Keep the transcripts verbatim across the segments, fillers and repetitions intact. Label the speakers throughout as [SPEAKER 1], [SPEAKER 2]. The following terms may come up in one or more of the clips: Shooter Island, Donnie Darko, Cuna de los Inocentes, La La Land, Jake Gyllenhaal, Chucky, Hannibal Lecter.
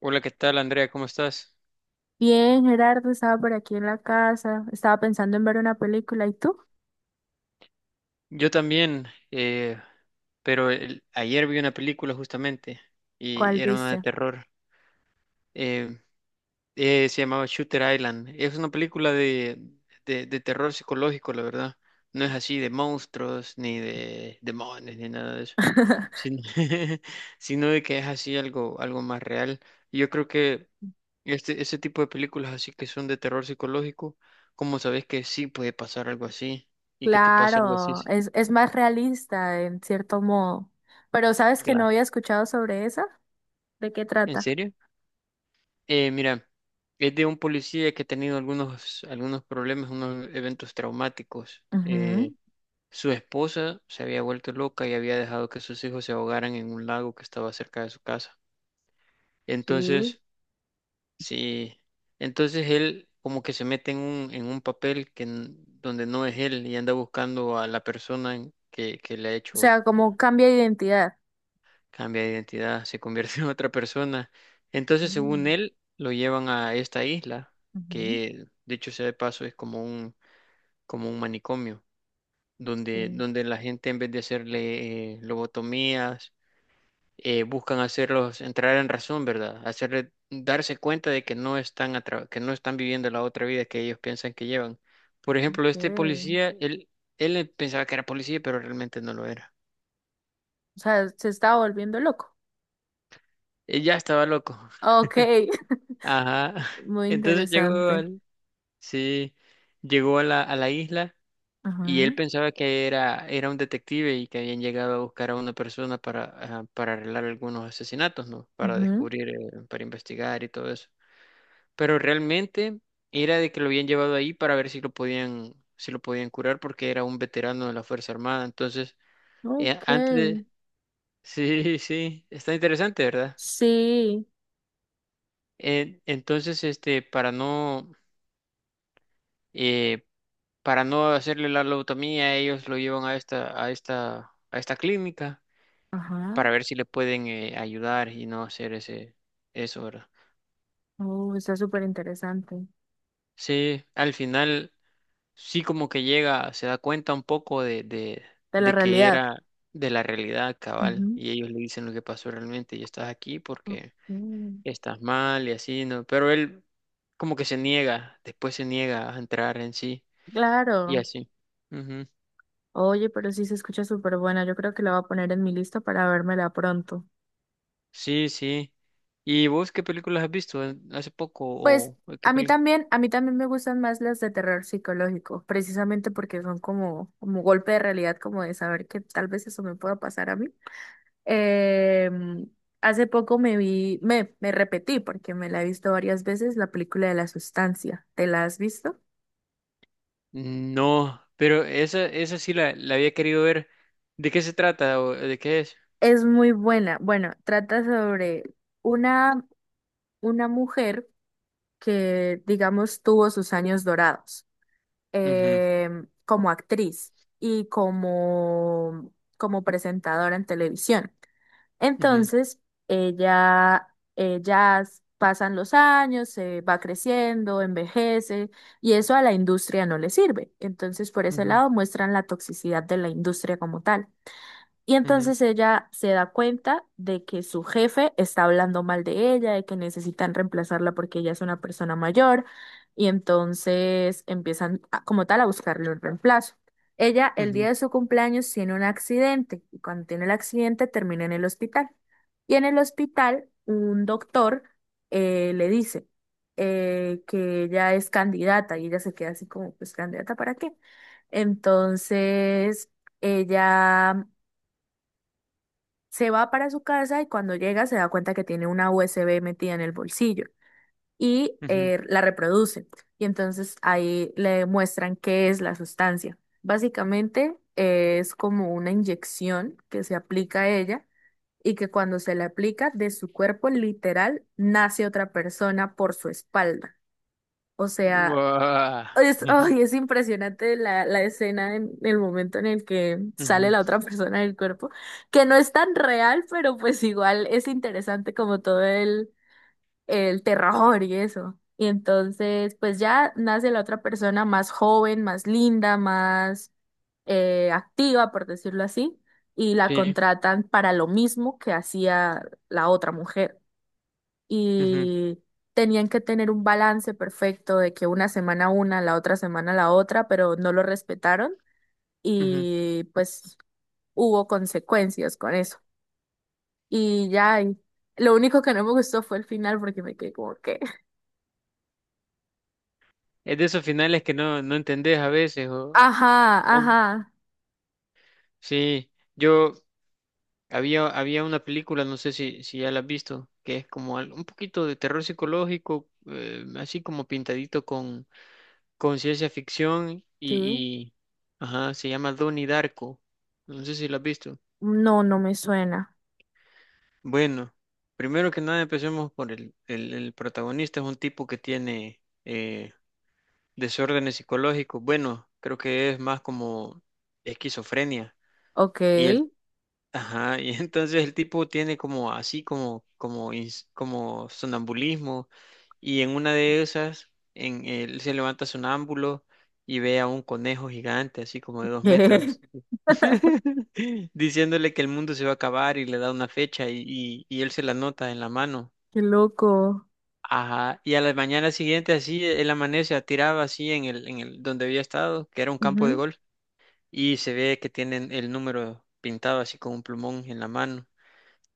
[SPEAKER 1] Hola, ¿qué tal, Andrea? ¿Cómo estás?
[SPEAKER 2] Bien, Gerardo, estaba por aquí en la casa, estaba pensando en ver una película, ¿y tú?
[SPEAKER 1] Yo también, eh, pero el- ayer vi una película justamente
[SPEAKER 2] ¿Cuál
[SPEAKER 1] y era una de
[SPEAKER 2] viste?
[SPEAKER 1] terror. eh, eh, Se llamaba Shooter Island. Es una película de, de, de terror psicológico, la verdad. No es así de monstruos, ni de demonios, ni nada de eso, sino, sino de que es así algo, algo más real. Y Yo creo que este, ese tipo de películas así que son de terror psicológico, ¿cómo sabes que sí puede pasar algo así? Y que te pase algo así.
[SPEAKER 2] Claro, es, es más realista en cierto modo, pero ¿sabes que no
[SPEAKER 1] Claro.
[SPEAKER 2] había escuchado sobre esa? ¿De qué
[SPEAKER 1] ¿En
[SPEAKER 2] trata?
[SPEAKER 1] serio? Eh, mira, es de un policía que ha tenido algunos, algunos problemas, unos eventos traumáticos.
[SPEAKER 2] Ujú,
[SPEAKER 1] Eh, su esposa se había vuelto loca y había dejado que sus hijos se ahogaran en un lago que estaba cerca de su casa.
[SPEAKER 2] sí.
[SPEAKER 1] Entonces, sí, entonces él como que se mete en un, en un papel que, n- donde no es él y anda buscando a la persona en- que, que le ha
[SPEAKER 2] O sea,
[SPEAKER 1] hecho.
[SPEAKER 2] como cambia de identidad.
[SPEAKER 1] Cambia de identidad, se convierte en otra persona. Entonces, según
[SPEAKER 2] Mm,
[SPEAKER 1] él, lo llevan a esta isla,
[SPEAKER 2] ujú,
[SPEAKER 1] que dicho sea de paso, es como un, como un manicomio, donde,
[SPEAKER 2] sí,
[SPEAKER 1] donde la gente en vez de hacerle eh, lobotomías, eh, buscan hacerlos entrar en razón, ¿verdad? Hacerle darse cuenta de que no están atra- que no están viviendo la otra vida que ellos piensan que llevan. Por ejemplo, este
[SPEAKER 2] ok.
[SPEAKER 1] policía, él, él pensaba que era policía, pero realmente no lo era.
[SPEAKER 2] O sea, se está volviendo loco.
[SPEAKER 1] Él ya estaba loco.
[SPEAKER 2] Ok,
[SPEAKER 1] Ajá.
[SPEAKER 2] muy
[SPEAKER 1] Entonces llegó
[SPEAKER 2] interesante.
[SPEAKER 1] al- Sí, llegó a la, a la isla y él
[SPEAKER 2] Ajá,
[SPEAKER 1] pensaba que era, era un detective y que habían llegado a buscar a una persona para, ah, para arreglar algunos asesinatos, ¿no? Para
[SPEAKER 2] ujú,
[SPEAKER 1] descubrir, eh, para investigar y todo eso. Pero realmente era de que lo habían llevado ahí para ver si lo podían, si lo podían curar porque era un veterano de la Fuerza Armada. Entonces, eh,
[SPEAKER 2] ok,
[SPEAKER 1] antes de... Sí, sí, está interesante, ¿verdad?
[SPEAKER 2] sí,
[SPEAKER 1] En- entonces, este, para no... eh, para no hacerle la lobotomía, ellos lo llevan a esta, a esta, a esta clínica
[SPEAKER 2] ajá.
[SPEAKER 1] para ver si le pueden eh, ayudar y no hacer ese, eso, ¿verdad?
[SPEAKER 2] Oh, está súper interesante.
[SPEAKER 1] Sí, al final sí como que llega, se da cuenta un poco de, de,
[SPEAKER 2] De la
[SPEAKER 1] de que
[SPEAKER 2] realidad.
[SPEAKER 1] era de la realidad cabal
[SPEAKER 2] Ujú.
[SPEAKER 1] y ellos le dicen lo que pasó realmente y estás aquí porque
[SPEAKER 2] Ujú.
[SPEAKER 1] estás mal y así, ¿no? Pero él como que se niega, después se niega a entrar en sí y
[SPEAKER 2] Claro.
[SPEAKER 1] así.
[SPEAKER 2] Oye, pero sí se escucha súper buena. Yo creo que la voy a poner en mi lista para vérmela pronto.
[SPEAKER 1] Sí, sí. ¿Y vos qué películas has visto eh, hace poco
[SPEAKER 2] Pues
[SPEAKER 1] o o qué
[SPEAKER 2] a mí
[SPEAKER 1] película?
[SPEAKER 2] también, a mí también me gustan más las de terror psicológico, precisamente porque son como, como golpe de realidad, como de saber que tal vez eso me pueda pasar a mí. Em, Hace poco me vi, me, me repetí porque me la he visto varias veces, la película de la sustancia. ¿Te la has visto?
[SPEAKER 1] No, pero esa esa sí la, la había querido ver. ¿De qué se trata o de qué es?
[SPEAKER 2] Es muy buena. Bueno, trata sobre una, una mujer que, digamos, tuvo sus años dorados
[SPEAKER 1] Ujú,
[SPEAKER 2] em, como actriz y como, como presentadora en televisión. Entonces, ella, ella s- pasan los años, se va creciendo, envejece y eso a la industria no le sirve. Entonces, por ese
[SPEAKER 1] ujú,
[SPEAKER 2] lado, muestran la toxicidad de la industria como tal. Y
[SPEAKER 1] ujú,
[SPEAKER 2] entonces ella se da cuenta de que su jefe está hablando mal de ella, de que necesitan reemplazarla porque ella es una persona mayor, y entonces empiezan a- como tal a buscarle un reemplazo. Ella
[SPEAKER 1] ujú,
[SPEAKER 2] el día
[SPEAKER 1] ujú,
[SPEAKER 2] de su cumpleaños tiene un accidente y cuando tiene el accidente termina en el hospital. Y en el hospital un doctor eh, le dice eh, que ella es candidata y ella se queda así como, pues ¿candidata para qué? Entonces ella se va para su casa y cuando llega se da cuenta que tiene una U S B metida en el bolsillo y
[SPEAKER 1] ujú.
[SPEAKER 2] eh, la reproduce. Y entonces ahí le muestran qué es la sustancia. Básicamente eh, es como una inyección que se aplica a ella y que cuando se le aplica de su cuerpo literal nace otra persona por su espalda. O sea,
[SPEAKER 1] Guau.
[SPEAKER 2] es,
[SPEAKER 1] Ujú,
[SPEAKER 2] ay, es impresionante la, la escena en el momento en el que sale
[SPEAKER 1] ujú,
[SPEAKER 2] la otra persona del cuerpo, que no es tan real, pero pues igual es interesante como todo el, el terror y eso. Y entonces, pues ya nace la otra persona más joven, más linda, más eh, activa, por decirlo así, y la
[SPEAKER 1] Sí.
[SPEAKER 2] contratan para lo mismo que hacía la otra mujer
[SPEAKER 1] ujú,
[SPEAKER 2] y tenían que tener un balance perfecto de que una semana una, la otra semana la otra, pero no lo respetaron
[SPEAKER 1] ujú.
[SPEAKER 2] y pues hubo consecuencias con eso. Y ya, y lo único que no me gustó fue el final porque me quedé como que,
[SPEAKER 1] Es de esos finales que no, no entendés a veces o,
[SPEAKER 2] ajá,
[SPEAKER 1] o-
[SPEAKER 2] ajá,
[SPEAKER 1] sí. Yo Había, había una película, no sé si, si ya la has visto, que es como al- un poquito de terror psicológico, eh, así como pintadito con, con ciencia ficción
[SPEAKER 2] sí,
[SPEAKER 1] y, y- ajá, se llama Donnie Darko. No sé si la has visto.
[SPEAKER 2] no, no me suena.
[SPEAKER 1] Bueno, primero que nada empecemos por el, el, el protagonista, es un tipo que tiene eh, desórdenes psicológicos. Bueno, creo que es más como esquizofrenia.
[SPEAKER 2] Ok,
[SPEAKER 1] Ajá, y entonces el tipo tiene como así como como ins- como sonambulismo y en una de esas en él se levanta sonámbulo y ve a un conejo gigante así como de dos
[SPEAKER 2] qué
[SPEAKER 1] metros diciéndole que el mundo se va a acabar y le da una fecha y, y, y él se la nota en la mano.
[SPEAKER 2] loco.
[SPEAKER 1] Ajá, y a la mañana siguiente así él amanece tirado así en el en el donde había estado, que era un campo de
[SPEAKER 2] Ujú.
[SPEAKER 1] golf y se ve que tienen el número pintado así con un plumón en la mano.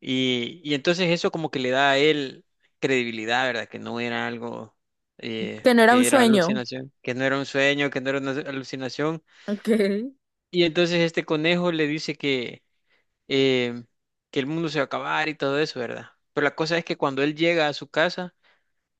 [SPEAKER 1] Y, y entonces eso como que le da a él credibilidad, ¿verdad? Que no era algo, eh,
[SPEAKER 2] Que no era un
[SPEAKER 1] que era
[SPEAKER 2] sueño.
[SPEAKER 1] alucinación, que no era un sueño, que no era una alucinación.
[SPEAKER 2] Ok.
[SPEAKER 1] Y entonces este conejo le dice que, eh, que el mundo se va a acabar y todo eso, ¿verdad? Pero la cosa es que cuando él llega a su casa,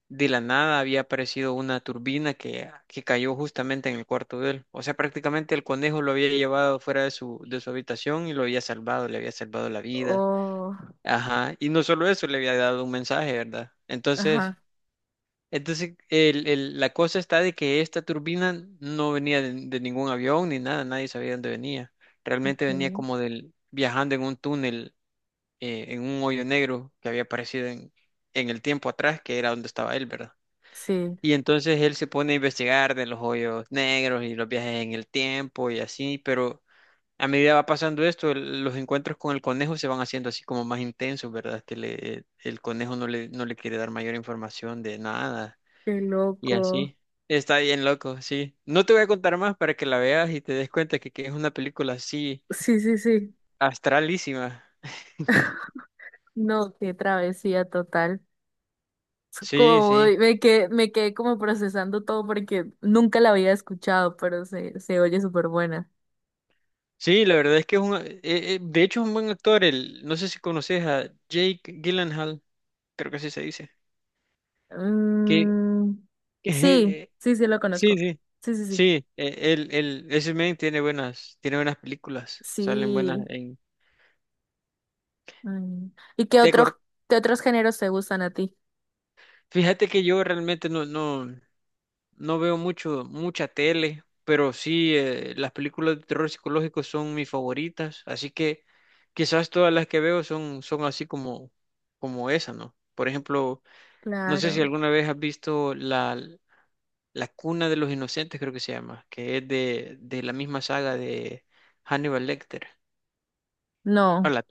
[SPEAKER 1] de la nada había aparecido una turbina que, que cayó justamente en el cuarto de él. O sea, prácticamente el conejo lo había llevado fuera de su, de su habitación y lo había salvado, le había salvado la vida.
[SPEAKER 2] Oh,
[SPEAKER 1] Ajá, y no solo eso, le había dado un mensaje, ¿verdad? Entonces,
[SPEAKER 2] ajá,
[SPEAKER 1] entonces el, el- la cosa está de que esta turbina no venía de, de ningún avión ni nada, nadie sabía dónde venía. Realmente venía
[SPEAKER 2] ok.
[SPEAKER 1] como del viajando en un túnel, eh, en un hoyo negro que había aparecido en, en el tiempo atrás, que era donde estaba él, ¿verdad?
[SPEAKER 2] Sí,
[SPEAKER 1] Y entonces él se pone a investigar de los hoyos negros y los viajes en el tiempo y así, pero a medida va pasando esto, el- los encuentros con el conejo se van haciendo así como más intensos, ¿verdad? Que le, el conejo no le, no le quiere dar mayor información de nada
[SPEAKER 2] qué
[SPEAKER 1] y
[SPEAKER 2] loco.
[SPEAKER 1] así. Está bien loco, sí. No te voy a contar más para que la veas y te des cuenta que, que es una película así
[SPEAKER 2] Sí, sí, sí.
[SPEAKER 1] astralísima.
[SPEAKER 2] No, qué travesía total. Es
[SPEAKER 1] Sí,
[SPEAKER 2] Como
[SPEAKER 1] sí.
[SPEAKER 2] voy- me quedé, me quedé como procesando todo porque nunca la había escuchado, pero se, se oye súper buena.
[SPEAKER 1] Sí, la verdad es que es un... eh, eh, de hecho es un buen actor. El, no sé si conoces a Jake Gyllenhaal, creo que así se dice. Que
[SPEAKER 2] Mm, sí, sí, sí lo
[SPEAKER 1] Sí,
[SPEAKER 2] conozco.
[SPEAKER 1] sí.
[SPEAKER 2] Sí, sí, sí.
[SPEAKER 1] Sí, eh, él, él, ese men tiene buenas, tiene buenas películas, salen buenas
[SPEAKER 2] Sí.
[SPEAKER 1] en
[SPEAKER 2] Ay. ¿Y qué otros,
[SPEAKER 1] Tecor.
[SPEAKER 2] qué otros géneros te gustan a ti?
[SPEAKER 1] Fíjate que yo realmente no, no, no veo mucho, mucha tele, pero sí, eh, las películas de terror psicológico son mis favoritas, así que quizás todas las que veo son, son así como, como esa, ¿no? Por ejemplo, no sé si
[SPEAKER 2] Claro.
[SPEAKER 1] alguna vez has visto la, la Cuna de los Inocentes, creo que se llama, que es de, de la misma saga de Hannibal Lecter.
[SPEAKER 2] No.
[SPEAKER 1] Hola,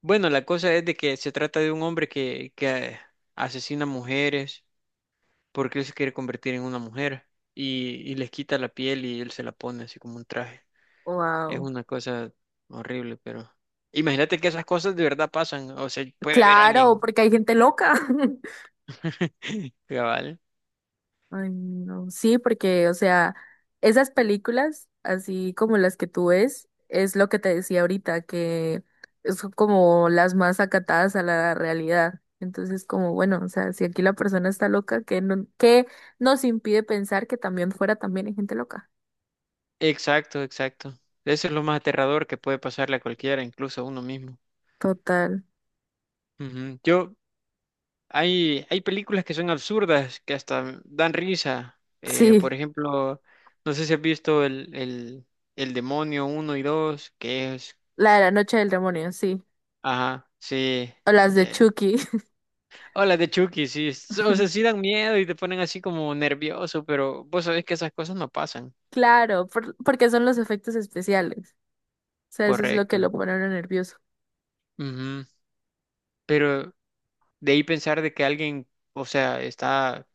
[SPEAKER 1] bueno, la cosa es de que se trata de un hombre que, que asesina mujeres porque él se quiere convertir en una mujer y, y les quita la piel y él se la pone así como un traje. Es
[SPEAKER 2] Wow.
[SPEAKER 1] una cosa horrible, pero imagínate que esas cosas de verdad pasan, o sea, puede haber
[SPEAKER 2] Claro,
[SPEAKER 1] alguien
[SPEAKER 2] porque hay gente loca.
[SPEAKER 1] cabal.
[SPEAKER 2] Ay, no. Sí, porque, o sea, esas películas, así como las que tú ves, es lo que te decía ahorita, que son como las más acatadas a la realidad. Entonces, como, bueno, o sea, si aquí la persona está loca, ¿qué, no, qué nos impide pensar que también fuera también hay gente loca?
[SPEAKER 1] Exacto, exacto. Eso es lo más aterrador que puede pasarle a cualquiera, incluso a uno mismo.
[SPEAKER 2] Total.
[SPEAKER 1] Ujú. Yo, Hay, hay películas que son absurdas, que hasta dan risa. Eh,
[SPEAKER 2] Sí,
[SPEAKER 1] por ejemplo, no sé si has visto el, el, el Demonio uno y dos que es...
[SPEAKER 2] la de la noche del demonio, sí.
[SPEAKER 1] Ajá, sí.
[SPEAKER 2] O las de
[SPEAKER 1] eh,
[SPEAKER 2] Chucky.
[SPEAKER 1] Hola de Chucky, sí. s- O sea, sí dan miedo y te ponen así como nervioso, pero vos sabés que esas cosas no pasan.
[SPEAKER 2] Claro, por- porque son los efectos especiales. O sea, eso es lo que
[SPEAKER 1] Correcto.
[SPEAKER 2] lo pone a uno nervioso.
[SPEAKER 1] Ujú. Pero de ahí pensar de que alguien, o sea, está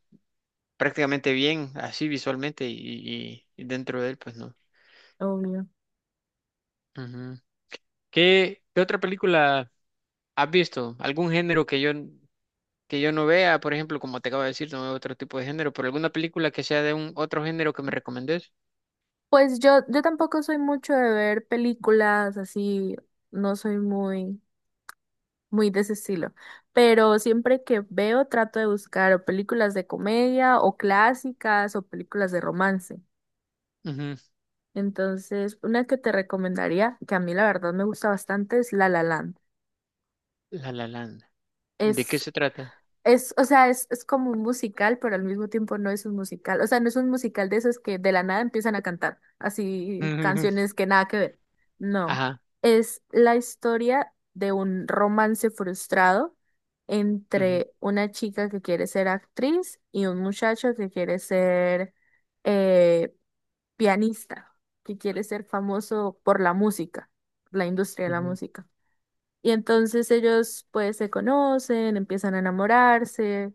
[SPEAKER 1] prácticamente bien así visualmente y, y- y dentro de él, pues no.
[SPEAKER 2] Obvio.
[SPEAKER 1] Ujú. ¿Qué, qué otra película? ¿Has visto algún género que yo, que yo no vea? Por ejemplo, como te acabo de decir, no veo otro tipo de género, pero alguna película que sea de un otro género que me recomendés.
[SPEAKER 2] Pues yo, yo tampoco soy mucho de ver películas así, no soy muy, muy de ese estilo, pero siempre que veo trato de buscar o películas de comedia o clásicas o películas de romance.
[SPEAKER 1] Ujú.
[SPEAKER 2] Entonces, una que te recomendaría, que a mí la verdad me gusta bastante, es La La Land.
[SPEAKER 1] La La Land. ¿De qué
[SPEAKER 2] Es
[SPEAKER 1] se trata?
[SPEAKER 2] Es, o sea, es, es como un musical, pero al mismo tiempo no es un musical. O sea, no es un musical de esos que de la nada empiezan a cantar, así
[SPEAKER 1] Ujú.
[SPEAKER 2] canciones que nada que ver. No,
[SPEAKER 1] Ajá.
[SPEAKER 2] es la historia de un romance frustrado
[SPEAKER 1] Ujú,
[SPEAKER 2] entre una chica que quiere ser actriz y un muchacho que quiere ser eh, pianista, que quiere ser famoso por la música, la industria de la
[SPEAKER 1] ujú,
[SPEAKER 2] música. Y entonces ellos pues se conocen, empiezan a enamorarse,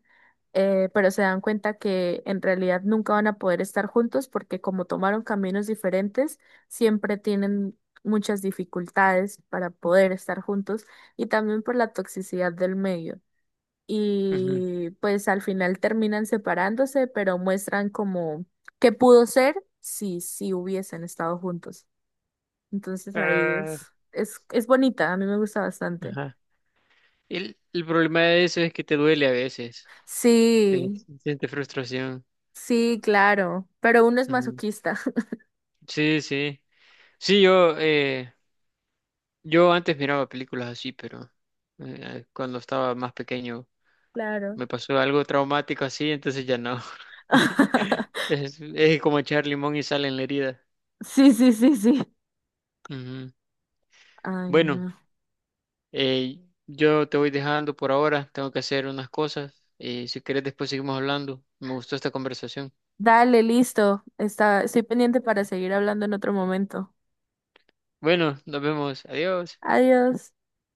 [SPEAKER 2] eh, pero se dan cuenta que en realidad nunca van a poder estar juntos porque como tomaron caminos diferentes, siempre tienen muchas dificultades para poder estar juntos y también por la toxicidad del medio.
[SPEAKER 1] ujú.
[SPEAKER 2] Y pues al final terminan separándose, pero muestran como qué pudo ser si, si hubiesen estado juntos. Entonces ahí es,
[SPEAKER 1] Ah,
[SPEAKER 2] es, es bonita, a mí me gusta bastante.
[SPEAKER 1] Ajá. El, el problema de eso es que te duele a veces. Sí,
[SPEAKER 2] Sí,
[SPEAKER 1] sí, sientes frustración.
[SPEAKER 2] sí, claro, pero uno es
[SPEAKER 1] Ujú.
[SPEAKER 2] masoquista.
[SPEAKER 1] Sí, sí. Sí, yo, eh, yo antes miraba películas así, pero eh, cuando estaba más pequeño.
[SPEAKER 2] Claro.
[SPEAKER 1] Me pasó algo traumático así, entonces ya no. Es, es como echar limón y sal en la herida.
[SPEAKER 2] Sí, sí, sí, sí.
[SPEAKER 1] Ujú.
[SPEAKER 2] Ay,
[SPEAKER 1] Bueno,
[SPEAKER 2] no.
[SPEAKER 1] eh, yo te voy dejando por ahora, tengo que hacer unas cosas y si quieres después seguimos hablando. Me gustó esta conversación.
[SPEAKER 2] Dale, listo. Está, estoy pendiente para seguir hablando en otro momento.
[SPEAKER 1] Bueno, nos vemos, adiós.
[SPEAKER 2] Adiós.